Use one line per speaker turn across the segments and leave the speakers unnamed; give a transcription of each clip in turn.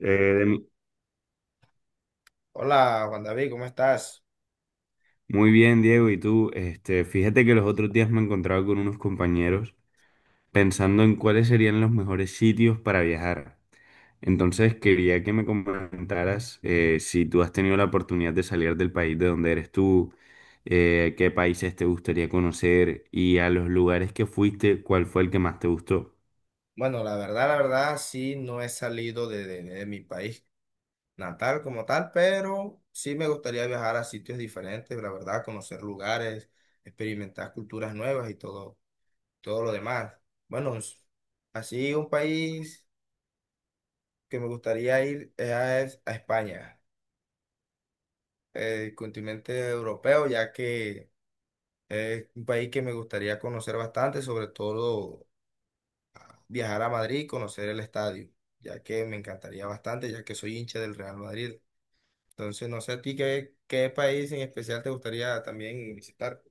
Eh,
Hola, Juan David, ¿cómo estás?
Muy bien, Diego, ¿y tú? Fíjate que los otros días me encontraba con unos compañeros pensando en cuáles serían los mejores sitios para viajar. Entonces quería que me comentaras, si tú has tenido la oportunidad de salir del país de donde eres tú, qué países te gustaría conocer y, a los lugares que fuiste, cuál fue el que más te gustó.
Bueno, la verdad, sí, no he salido de mi país natal como tal, pero sí me gustaría viajar a sitios diferentes, la verdad, conocer lugares, experimentar culturas nuevas y todo, todo lo demás. Bueno, es- Así un país que me gustaría ir es a España, el continente europeo, ya que es un país que me gustaría conocer bastante, sobre todo. Viajar a Madrid y conocer el estadio, ya que me encantaría bastante, ya que soy hincha del Real Madrid. Entonces, no sé a ti qué país en especial te gustaría también visitar.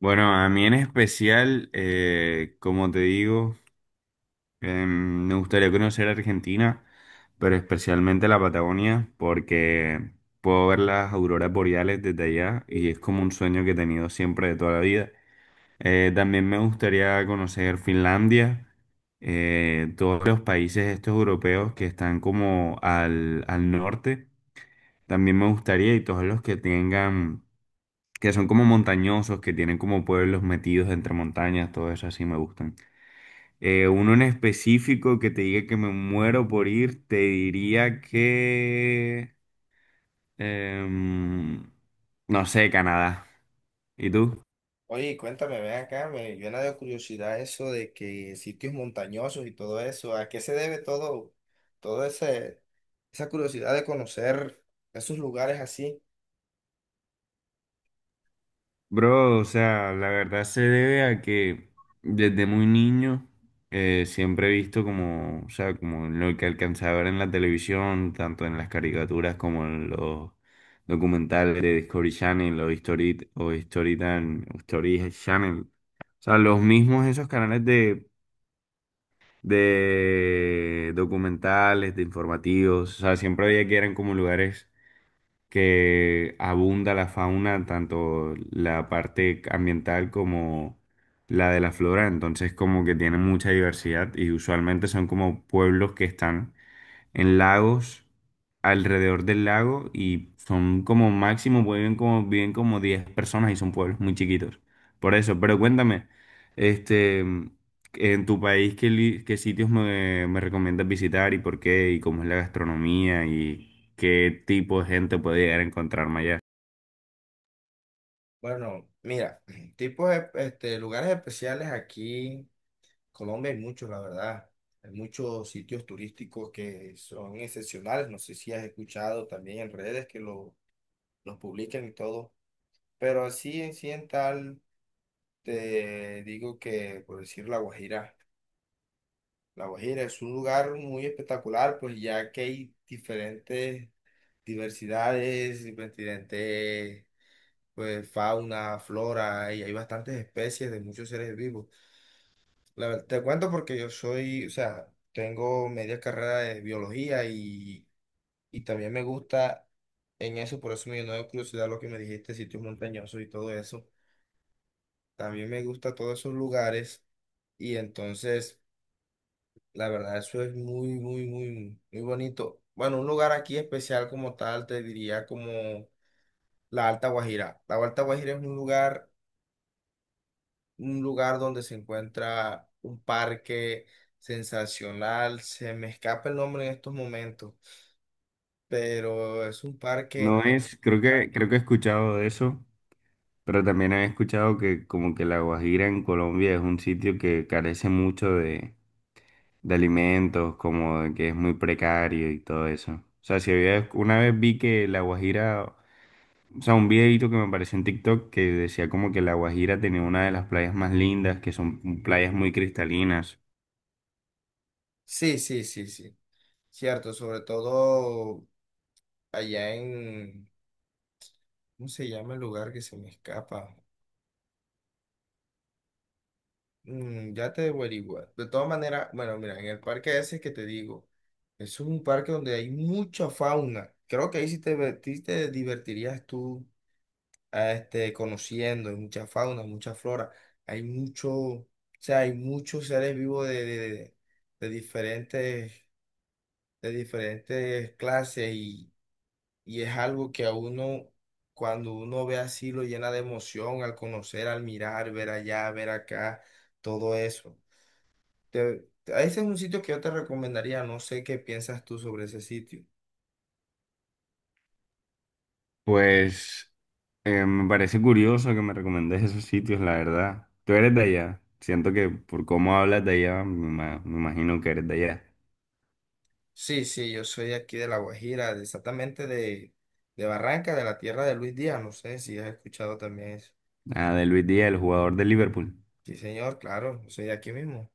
Bueno, a mí en especial, como te digo, me gustaría conocer Argentina, pero especialmente la Patagonia, porque puedo ver las auroras boreales desde allá y es como un sueño que he tenido siempre de toda la vida. También me gustaría conocer Finlandia, todos los países estos europeos que están como al norte. También me gustaría, y todos los que tengan, que son como montañosos, que tienen como pueblos metidos entre montañas, todo eso así me gustan. Uno en específico que te diga que me muero por ir, te diría que em, no sé, Canadá. ¿Y tú?
Oye, cuéntame, ven acá, me llena de curiosidad eso de que sitios montañosos y todo eso, ¿a qué se debe todo, todo ese, esa curiosidad de conocer esos lugares así?
Bro, o sea, la verdad se debe a que desde muy niño, siempre he visto como, o sea, como lo que alcanzaba a ver en la televisión, tanto en las caricaturas como en los documentales de Discovery Channel o History Channel. O sea, los mismos esos canales de documentales, de informativos, o sea, siempre había que eran como lugares que abunda la fauna, tanto la parte ambiental como la de la flora. Entonces como que tienen mucha diversidad y usualmente son como pueblos que están en lagos, alrededor del lago, y son como máximo, viven como 10 personas, y son pueblos muy chiquitos. Por eso. Pero cuéntame, este, en tu país, ¿ qué sitios me recomiendas visitar y por qué? ¿Y cómo es la gastronomía? ¿Y qué tipo de gente puede llegar a encontrarme allá?
Bueno, mira, tipos de este, lugares especiales aquí. Colombia hay muchos, la verdad. Hay muchos sitios turísticos que son excepcionales. No sé si has escuchado también en redes que los publican y todo. Pero así en sí en tal, te digo que, por decir La Guajira, La Guajira es un lugar muy espectacular, pues ya que hay diferentes diversidades, diferentes, pues fauna, flora, y hay bastantes especies de muchos seres vivos. La verdad, te cuento porque yo soy, o sea, tengo media carrera de biología y también me gusta en eso, por eso me llenó de curiosidad lo que me dijiste, sitios montañosos y todo eso. También me gusta todos esos lugares y entonces, la verdad, eso es muy, muy, muy, muy bonito. Bueno, un lugar aquí especial como tal, te diría como la Alta Guajira. La Alta Guajira es un lugar donde se encuentra un parque sensacional. Se me escapa el nombre en estos momentos, pero es un
No
parque.
es, creo que he escuchado de eso, pero también he escuchado que, como que La Guajira en Colombia es un sitio que carece mucho de alimentos, como de que es muy precario y todo eso. O sea, si había, una vez vi que La Guajira, o sea, un videito que me apareció en TikTok que decía como que La Guajira tenía una de las playas más lindas, que son playas muy cristalinas.
Sí, sí, sí, sí. Cierto, sobre todo allá en. ¿Cómo se llama el lugar que se me escapa? Mm, ya te debo averiguar. De todas maneras, bueno, mira, en el parque ese que te digo, es un parque donde hay mucha fauna. Creo que ahí sí sí te divertirías tú conociendo, hay mucha fauna, mucha flora, hay mucho, o sea, hay muchos seres vivos de diferentes, de diferentes clases y es algo que a uno, cuando uno ve así, lo llena de emoción al conocer, al mirar, ver allá, ver acá, todo eso. Ese es un sitio que yo te recomendaría, no sé qué piensas tú sobre ese sitio.
Pues me parece curioso que me recomendes esos sitios, la verdad. Tú eres de allá. Siento que por cómo hablas de allá, me imagino que eres de allá.
Sí, sí, yo soy de aquí de La Guajira, de- exactamente de Barranca, de la tierra de Luis Díaz, no sé si has escuchado también eso.
Ah, de Luis Díaz, el jugador de Liverpool.
Sí, señor, claro, yo soy de aquí mismo.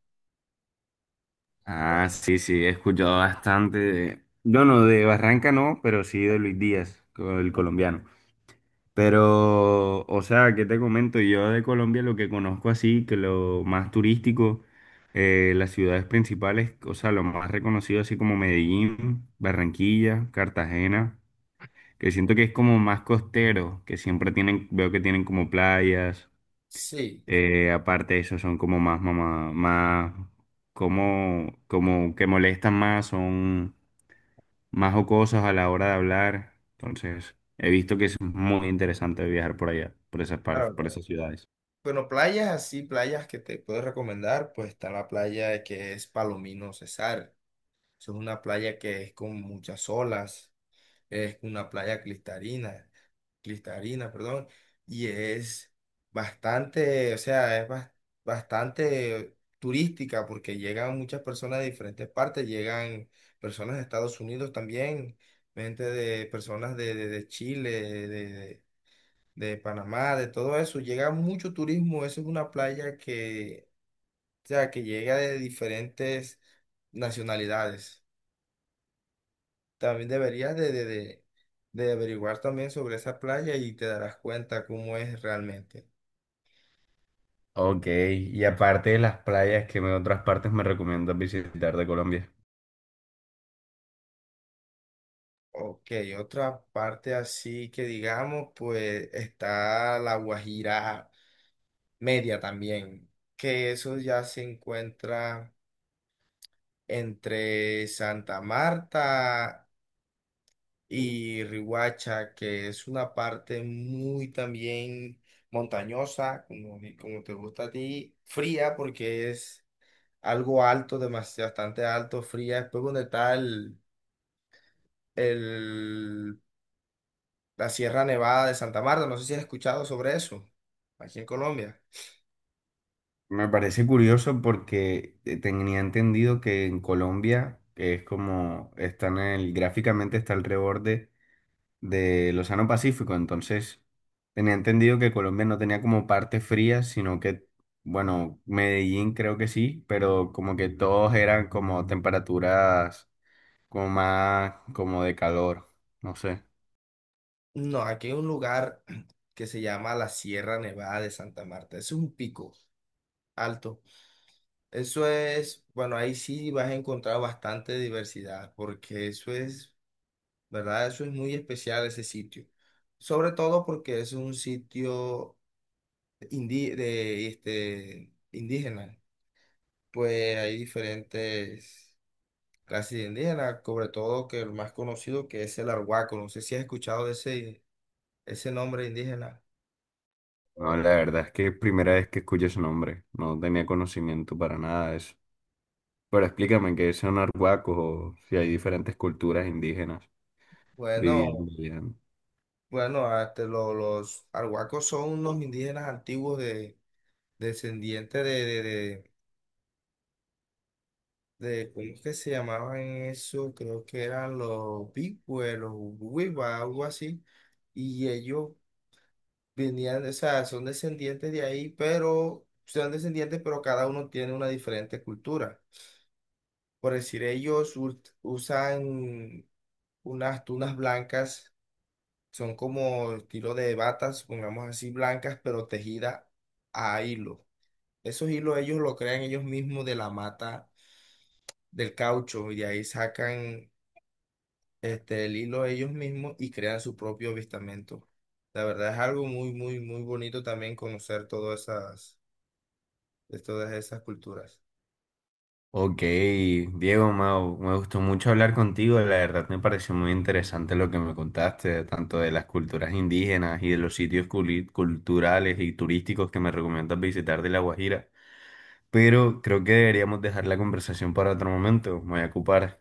Ah, sí, sí, he escuchado bastante de, bueno, de Barranca no, pero sí de Luis Díaz, el colombiano. Pero, o sea, ¿qué te comento? Yo, de Colombia, lo que conozco así, que lo más turístico, las ciudades principales, o sea, lo más reconocido, así como Medellín, Barranquilla, Cartagena, que siento que es como más costero, que siempre tienen, veo que tienen como playas.
Sí,
Eh, aparte de eso, son como más, mamá, más, como, como que molestan más, son más jocosos a la hora de hablar. Entonces, he visto que es muy interesante viajar por allá, por esas partes,
claro,
por
no.
esas ciudades.
Bueno, playas así, playas que te puedo recomendar, pues está la playa que es Palomino Cesar. Es una playa que es con muchas olas, es una playa cristalina, cristalina, perdón, y es bastante, o sea, bastante turística porque llegan muchas personas de diferentes partes, llegan personas de Estados Unidos también, gente de personas de Chile, de Panamá, de todo eso, llega mucho turismo, eso es una playa que, o sea, que llega de diferentes nacionalidades. También deberías de averiguar también sobre esa playa y te darás cuenta cómo es realmente.
Ok, y aparte de las playas, ¿ otras partes me recomiendas visitar de Colombia?
Ok, otra parte así que digamos, pues está la Guajira Media también, que eso ya se encuentra entre Santa Marta y Riohacha, que es una parte muy también montañosa, como, como te gusta a ti, fría porque es algo alto, demasiado, bastante alto, fría. Después donde está el- la Sierra Nevada de Santa Marta, no sé si has escuchado sobre eso, aquí en Colombia.
Me parece curioso porque, tenía entendido que en Colombia, que es como, están en el, gráficamente, está alrededor del Océano Pacífico. Entonces, tenía entendido que Colombia no tenía como parte fría, sino que, bueno, Medellín creo que sí, pero como que todos eran como temperaturas, como más como de calor, no sé.
No, aquí hay un lugar que se llama la Sierra Nevada de Santa Marta. Es un pico alto. Eso es, bueno, ahí sí vas a encontrar bastante diversidad, porque eso es, ¿verdad? Eso es muy especial ese sitio. Sobre todo porque es un sitio este, indígena. Pues hay diferentes clases de indígenas, sobre todo que el más conocido que es el arhuaco. No sé si has escuchado de ese, ese nombre indígena.
No, la verdad es que es primera vez que escucho ese nombre, no tenía conocimiento para nada de eso. Pero explícame qué son arhuacos, o si hay diferentes culturas indígenas viviendo
Bueno,
allá.
bueno, hasta los arhuacos son unos indígenas antiguos de, descendientes de ¿cómo es que se llamaban eso? Creo que eran los pigües, los huiba, algo así. Y ellos venían, o sea, son descendientes de ahí, pero son descendientes, pero cada uno tiene una diferente cultura. Por decir, usan unas tunas blancas, son como estilo de batas, pongamos así, blancas, pero tejidas a hilo. Esos hilos ellos lo crean ellos mismos de la mata del caucho y de ahí sacan este, el hilo ellos mismos y crean su propio avistamento. La verdad es algo muy, muy, muy bonito también conocer todas esas culturas.
Ok, Diego, Mau, me gustó mucho hablar contigo. La verdad, me pareció muy interesante lo que me contaste, tanto de las culturas indígenas y de los sitios culturales y turísticos que me recomiendas visitar de La Guajira. Pero creo que deberíamos dejar la conversación para otro momento. Me voy a ocupar.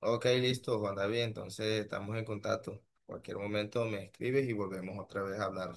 Ok, listo, Juan David. Entonces estamos en contacto. Cualquier momento me escribes y volvemos otra vez a hablar.